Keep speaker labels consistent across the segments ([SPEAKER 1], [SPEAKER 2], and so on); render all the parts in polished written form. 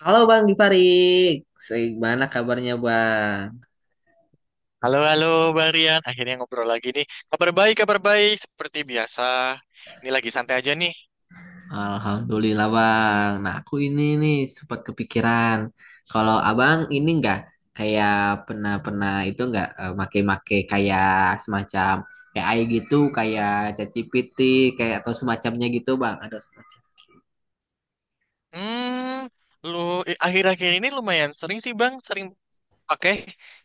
[SPEAKER 1] Halo Bang Gifarik, gimana kabarnya Bang?
[SPEAKER 2] Halo, halo, Bang Rian. Akhirnya ngobrol lagi nih. Kabar baik, kabar baik. Seperti biasa. Ini lagi santai aja nih.
[SPEAKER 1] Alhamdulillah, Bang. Nah, aku ini nih sempat kepikiran kalau Abang ini enggak kayak pernah pernah itu, enggak, make-make kayak semacam AI gitu, kayak ChatGPT kayak atau semacamnya gitu, Bang. Ada semacam.
[SPEAKER 2] Hmm, lu Akhir-akhir ini lumayan sering sih, Bang. Sering pakai.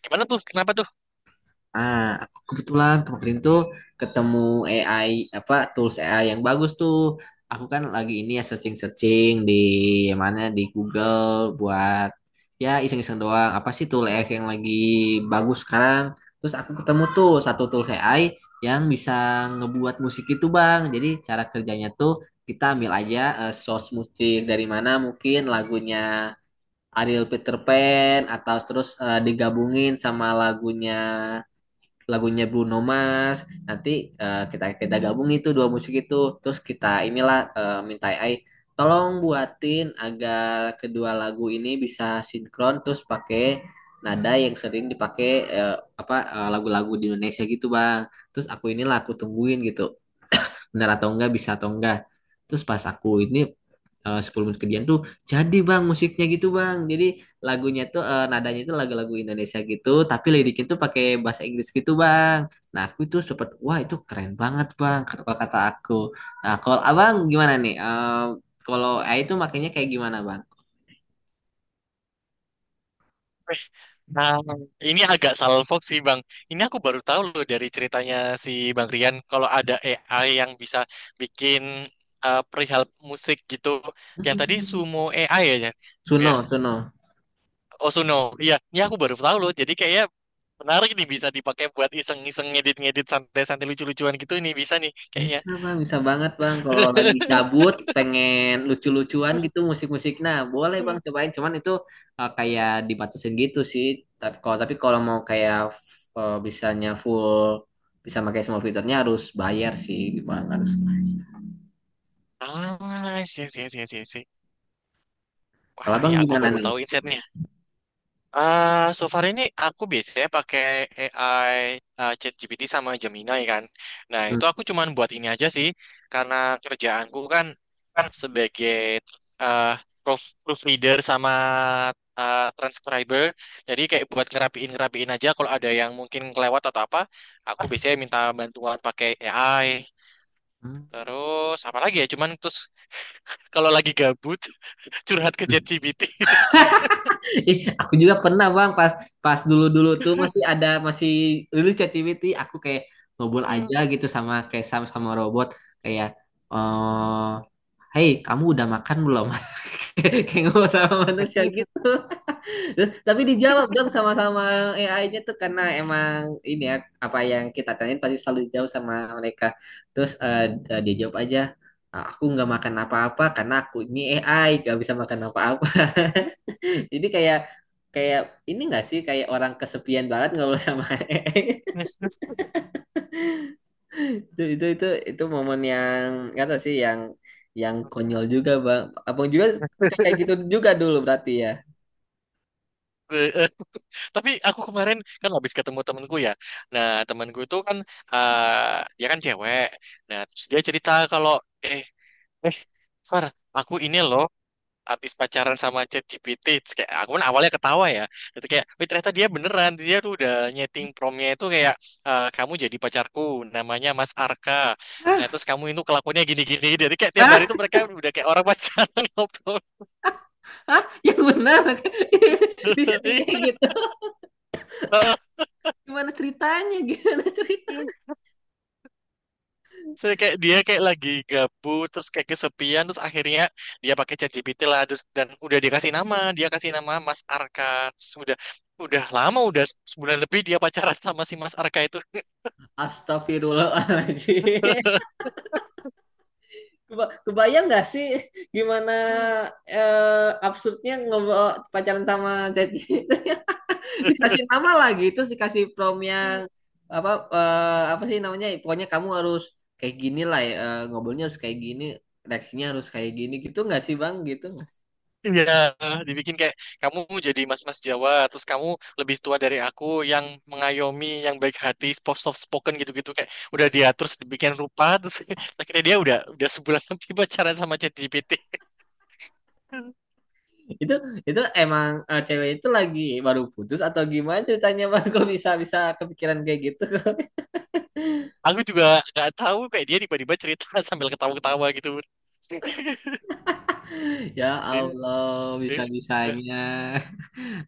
[SPEAKER 2] Gimana tuh? Kenapa tuh?
[SPEAKER 1] Ah, aku kebetulan kemarin tuh ketemu AI, apa, tools AI yang bagus tuh. Aku kan lagi ini ya searching-searching di mana, di Google, buat ya iseng-iseng doang. Apa sih tool AI yang lagi bagus sekarang? Terus aku ketemu tuh satu tools AI yang bisa ngebuat musik itu, Bang. Jadi cara kerjanya tuh kita ambil aja source musik dari mana, mungkin lagunya Ariel Peter Pan atau terus digabungin sama lagunya lagunya Bruno Mars, nanti kita kita gabung itu dua musik itu, terus kita inilah, minta A I tolong buatin agar kedua lagu ini bisa sinkron, terus pakai nada yang sering dipakai, lagu-lagu di Indonesia gitu, Bang. Terus aku inilah, aku tungguin gitu, benar atau enggak, bisa atau enggak. Terus pas aku ini, 10 menit kemudian tuh, jadi, Bang, musiknya gitu, Bang. Jadi lagunya tuh nadanya itu lagu-lagu Indonesia gitu, tapi liriknya tuh pakai bahasa Inggris gitu, Bang. Nah, aku tuh sempet, "Wah, itu keren banget, Bang," kata kata aku. Nah, kalau Abang gimana nih? Kalau itu, makanya, kayak gimana, Bang?
[SPEAKER 2] Eh, nah, ini agak salfok sih, Bang. Ini aku baru tahu loh dari ceritanya si Bang Rian. Kalau ada AI yang bisa bikin perihal musik gitu. Yang tadi Sumo AI ya?
[SPEAKER 1] Suno,
[SPEAKER 2] Ya.
[SPEAKER 1] Suno.
[SPEAKER 2] Osuno. Iya, ini aku baru tahu loh. Jadi kayaknya menarik nih bisa dipakai buat iseng-iseng ngedit-ngedit santai-santai lucu-lucuan gitu nih bisa nih kayaknya.
[SPEAKER 1] Bisa, Bang, bisa banget, Bang. Kalau lagi gabut, pengen lucu-lucuan gitu, musik-musik. Nah, boleh, Bang, cobain. Cuman itu kayak dibatasin gitu sih. Tapi kalau mau kayak bisanya full, bisa pakai semua fiturnya, harus bayar sih, Bang. Harus.
[SPEAKER 2] Ah, sih sih sih sih sih. Wah,
[SPEAKER 1] Nah,
[SPEAKER 2] ini
[SPEAKER 1] Bang,
[SPEAKER 2] aku
[SPEAKER 1] gimana
[SPEAKER 2] baru
[SPEAKER 1] nih?
[SPEAKER 2] tahu insight-nya. Ah, so far ini aku biasanya pakai AI ChatGPT sama Gemini kan. Nah,
[SPEAKER 1] Hmm.
[SPEAKER 2] itu aku cuman buat ini aja sih karena kerjaanku kan
[SPEAKER 1] Kan.
[SPEAKER 2] sebagai eh proofreader sama transcriber. Jadi kayak buat ngerapiin ngerapiin aja kalau ada yang mungkin kelewat atau apa, aku biasanya minta bantuan pakai AI. Terus apa lagi ya? Cuman terus kalau lagi gabut curhat ke
[SPEAKER 1] Hmm.
[SPEAKER 2] ChatGPT.
[SPEAKER 1] Aku juga pernah, Bang, pas pas dulu-dulu tuh masih ada, masih rilis ChatGPT, aku kayak ngobrol
[SPEAKER 2] Hmm.
[SPEAKER 1] aja gitu sama, kayak, sama sama robot, kayak, eh "Hey, kamu udah makan belum?" kayak kayak ngobrol sama manusia gitu. Terus, tapi dijawab dong sama-sama AI-nya tuh, karena emang ini ya, apa yang kita tanyain pasti selalu dijawab sama mereka. Terus dia jawab aja, "Ah, aku nggak makan apa-apa karena aku ini AI, gak bisa makan apa-apa." Ini kayak, kayak ini nggak sih, kayak orang kesepian banget ngobrol sama Eeng. Itu momen yang, nggak tahu sih, yang konyol juga, Bang. Abang juga kayak gitu juga dulu berarti, ya?
[SPEAKER 2] Eh, eh. Tapi aku kemarin kan habis ketemu temenku ya. Nah, temenku itu kan dia kan cewek. Nah, terus dia cerita kalau eh eh Far, aku ini loh habis pacaran sama ChatGPT. Terus kayak aku kan awalnya ketawa ya, itu kayak, "Wih, ternyata dia beneran, dia tuh udah nyeting promnya itu kayak, "Eh, kamu jadi pacarku, namanya Mas Arka,
[SPEAKER 1] Hah?
[SPEAKER 2] nah terus kamu itu kelakuannya gini-gini." Jadi kayak tiap hari
[SPEAKER 1] Hah?
[SPEAKER 2] tuh mereka udah kayak orang pacaran ngobrol.
[SPEAKER 1] Hah? Yang benar? di setting kayak gitu.
[SPEAKER 2] Heeh.
[SPEAKER 1] Gimana ceritanya? Gimana cerita?
[SPEAKER 2] Saya kayak dia kayak lagi gabut terus kayak kesepian terus akhirnya dia pakai ChatGPT lah. Terus dan udah dikasih nama, dia kasih nama Mas Arka. Terus udah lama, udah sebulan lebih dia pacaran sama si Mas Arka itu.
[SPEAKER 1] Astagfirullahaladzim. Kebayang nggak sih gimana absurdnya ngobrol, pacaran sama Ceci? Dikasih nama lagi, terus dikasih prom yang apa, apa sih namanya, pokoknya kamu harus kayak gini lah, ya, ngobrolnya harus kayak gini, reaksinya harus kayak gini, gitu nggak sih, Bang, gitu nggak sih?
[SPEAKER 2] Iya, dibikin kayak, kamu jadi mas-mas Jawa, terus kamu lebih tua dari aku, yang mengayomi, yang baik hati, soft soft spoken gitu-gitu kayak udah diatur, terus dibikin rupa, terus akhirnya dia udah sebulan lebih pacaran sama ChatGPT.
[SPEAKER 1] itu itu emang, cewek itu lagi baru putus atau gimana ceritanya, Bang? Kok bisa bisa kepikiran kayak gitu?
[SPEAKER 2] Aku juga nggak tahu, kayak dia tiba-tiba cerita sambil ketawa-ketawa gitu.
[SPEAKER 1] Ya
[SPEAKER 2] Hmm,
[SPEAKER 1] Allah, bisa bisanya.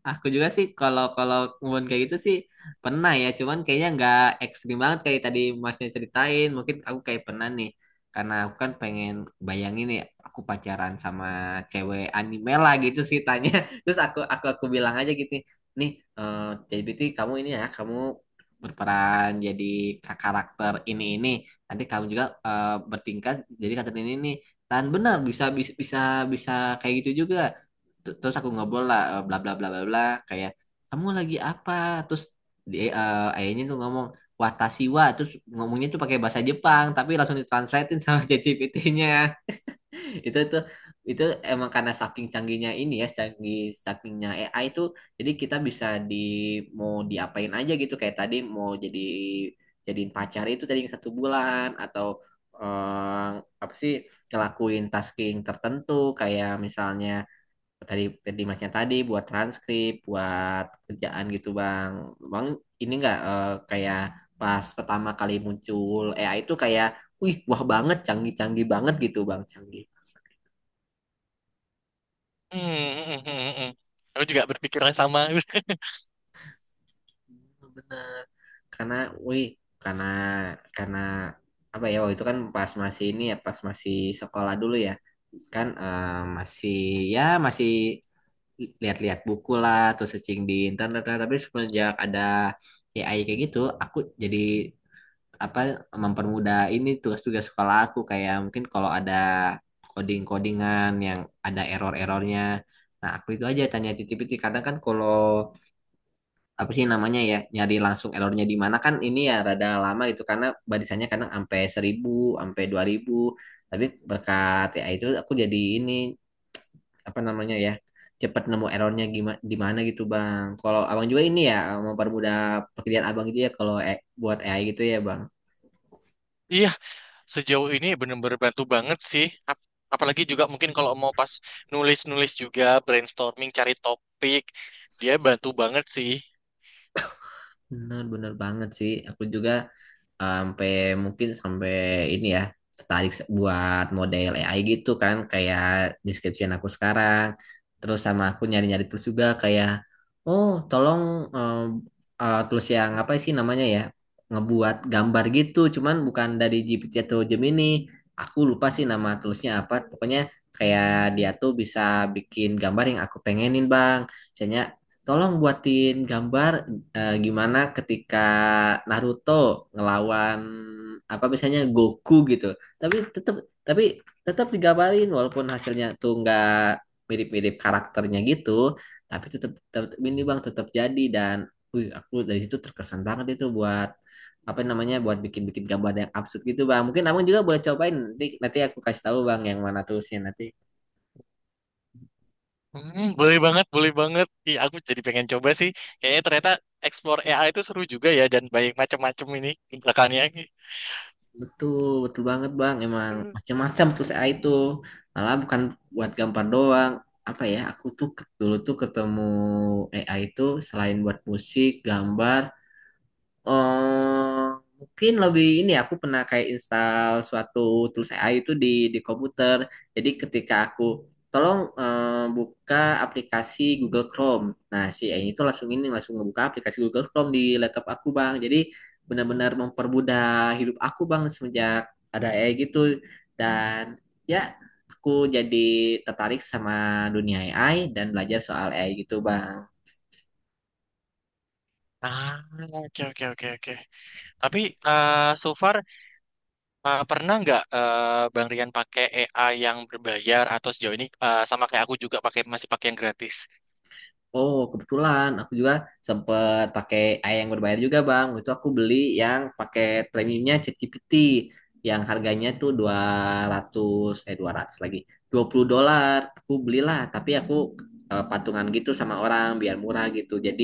[SPEAKER 1] Aku juga sih kalau kalau ngomong kayak gitu sih pernah ya, cuman kayaknya nggak ekstrim banget kayak tadi masnya ceritain. Mungkin aku kayak pernah nih, karena aku kan pengen bayangin ya aku pacaran sama cewek anime lah gitu ceritanya. Terus aku bilang aja gitu, nih eh JBT, kamu ini ya, kamu berperan jadi karakter ini ini. Nanti kamu juga bertingkat jadi karakter ini nih. Dan benar bisa bisa bisa bisa kayak gitu juga. Terus aku ngobrol lah, bla bla bla bla bla, kayak, "Kamu lagi apa?" Terus dia, ayahnya tuh ngomong "Watashiwa," terus ngomongnya tuh pakai bahasa Jepang tapi langsung ditranslatein sama ChatGPT-nya. Itu tuh itu emang karena saking canggihnya, ini ya, canggih sakingnya AI itu. Jadi kita bisa di mau diapain aja gitu, kayak tadi mau jadi jadiin pacar itu tadi yang 1 bulan, atau eh, apa sih, ngelakuin tasking tertentu kayak misalnya tadi tadi masnya tadi, buat transkrip buat kerjaan gitu, bang bang Ini enggak kayak pas pertama kali muncul AI itu, kayak, "Wih, wah banget, canggih-canggih banget," gitu, Bang. Canggih
[SPEAKER 2] hmm, hmm, hmm. hmm. Aku juga berpikiran sama.
[SPEAKER 1] bener, karena, wih, karena karena apa ya, waktu itu kan pas masih ini ya, pas masih sekolah dulu ya, kan, masih ya masih lihat-lihat buku lah, terus searching di internet lah, tapi semenjak ada AI kayak gitu aku jadi, apa, mempermudah ini tugas-tugas sekolah aku. Kayak mungkin kalau ada coding-codingan yang ada error-errornya. Nah, aku itu aja tanya, titip-titip. Kadang kan kalau apa sih namanya ya, nyari langsung errornya di mana, kan ini ya rada lama gitu karena barisannya kadang sampai 1.000, sampai 2.000. Tapi berkat ya itu aku jadi ini, apa namanya ya, cepat nemu errornya gimana, di mana gitu, Bang. Kalau Abang juga ini ya mempermudah pekerjaan Abang gitu ya kalau buat AI gitu ya, Bang.
[SPEAKER 2] Iya, sejauh ini benar-benar bantu banget sih. Ap- Apalagi juga mungkin kalau mau pas nulis-nulis juga, brainstorming, cari topik, dia bantu banget sih.
[SPEAKER 1] Benar, benar banget sih. Aku juga sampai mungkin sampai ini ya tertarik buat model AI gitu kan, kayak description aku sekarang. Terus sama aku nyari-nyari terus juga kayak, oh, tolong, em, terus yang apa sih namanya ya, ngebuat gambar gitu. Cuman bukan dari GPT atau Gemini. Aku lupa sih nama toolsnya apa. Pokoknya kayak dia tuh bisa bikin gambar yang aku pengenin, Bang. Misalnya tolong buatin gambar gimana ketika Naruto ngelawan apa misalnya Goku gitu. Tapi tetap tapi tetap digambarin walaupun hasilnya tuh nggak mirip-mirip karakternya gitu, tapi tetap tetap ini, Bang, tetap jadi. Dan wih, aku dari situ terkesan banget itu buat, apa namanya, buat bikin-bikin gambar yang absurd gitu, Bang. Mungkin Abang juga boleh cobain nanti nanti aku kasih tahu, Bang, yang mana tulisnya nanti.
[SPEAKER 2] Boleh banget, boleh banget. Ih, aku jadi pengen coba sih. Kayaknya ternyata explore AI itu seru juga ya dan banyak macam-macam ini di belakangnya.
[SPEAKER 1] Betul, betul banget, Bang. Emang macam-macam tuh saya itu. Malah bukan buat gambar doang. Apa ya, aku tuh, dulu tuh ketemu AI itu selain buat musik, gambar, eh mungkin lebih ini ya, aku pernah kayak install suatu tools AI itu di komputer. Jadi ketika aku, "Tolong, buka aplikasi Google Chrome," nah, si AI itu langsung ini, langsung ngebuka aplikasi Google Chrome di laptop aku, Bang. Jadi benar-benar mempermudah hidup aku, Bang, semenjak ada AI gitu. Dan ya, aku jadi tertarik sama dunia AI dan belajar soal AI gitu, Bang.
[SPEAKER 2] Ah, oke oke oke oke. Tapi so far pernah nggak Bang Rian pakai AI yang berbayar atau sejauh ini sama kayak aku juga pakai masih pakai yang gratis?
[SPEAKER 1] Oh, kebetulan aku juga sempet pakai AI yang berbayar juga, Bang. Itu aku beli yang pakai premiumnya ChatGPT yang harganya tuh 200, eh, 200 lagi. $20. Aku belilah, tapi aku, patungan gitu sama orang biar murah gitu. Jadi,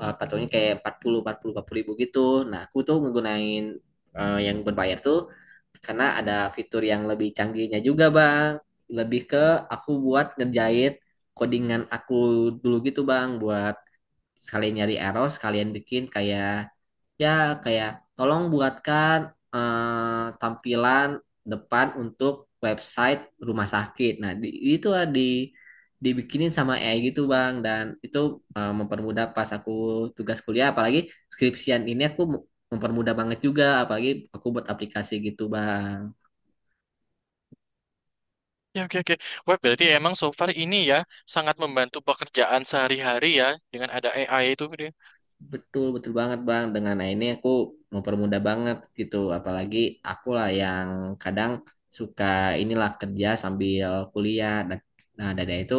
[SPEAKER 1] patungnya kayak empat empat puluh empat puluh empat puluh ribu gitu. Nah, aku tuh menggunain, yang berbayar tuh karena ada fitur yang lebih canggihnya juga, Bang. Lebih ke aku buat ngerjain codingan aku dulu gitu, Bang, buat sekalian nyari error, sekalian bikin kayak, ya, kayak "Tolong buatkan tampilan depan untuk website rumah sakit." Nah, itu lah, di dibikinin sama AI gitu, Bang, dan itu, mempermudah pas aku tugas kuliah. Apalagi skripsian ini aku mempermudah banget juga, apalagi aku buat aplikasi gitu, Bang.
[SPEAKER 2] Ya, oke, oke. Wah, berarti emang so far ini ya sangat membantu pekerjaan sehari-hari ya dengan ada AI itu. Gitu.
[SPEAKER 1] Betul, betul banget, Bang. Dengan, nah, ini aku mempermudah banget gitu. Apalagi aku lah yang kadang suka inilah kerja sambil kuliah. Nah, dari itu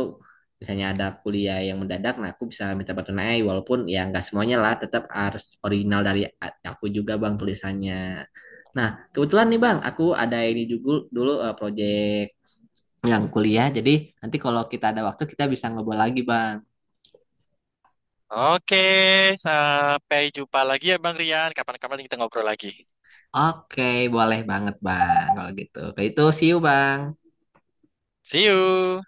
[SPEAKER 1] misalnya ada kuliah yang mendadak, nah aku bisa minta bantu naik, walaupun ya nggak semuanya lah, tetap harus original dari aku juga, Bang, tulisannya. Nah, kebetulan nih, Bang, aku ada ini juga dulu, project yang kuliah. Jadi nanti kalau kita ada waktu kita bisa ngobrol lagi, Bang.
[SPEAKER 2] Oke, sampai jumpa lagi ya Bang Rian. Kapan-kapan kita ngobrol lagi.
[SPEAKER 1] Oke, boleh banget, Bang, kalau gitu. Kayak itu, see you, Bang.
[SPEAKER 2] See you.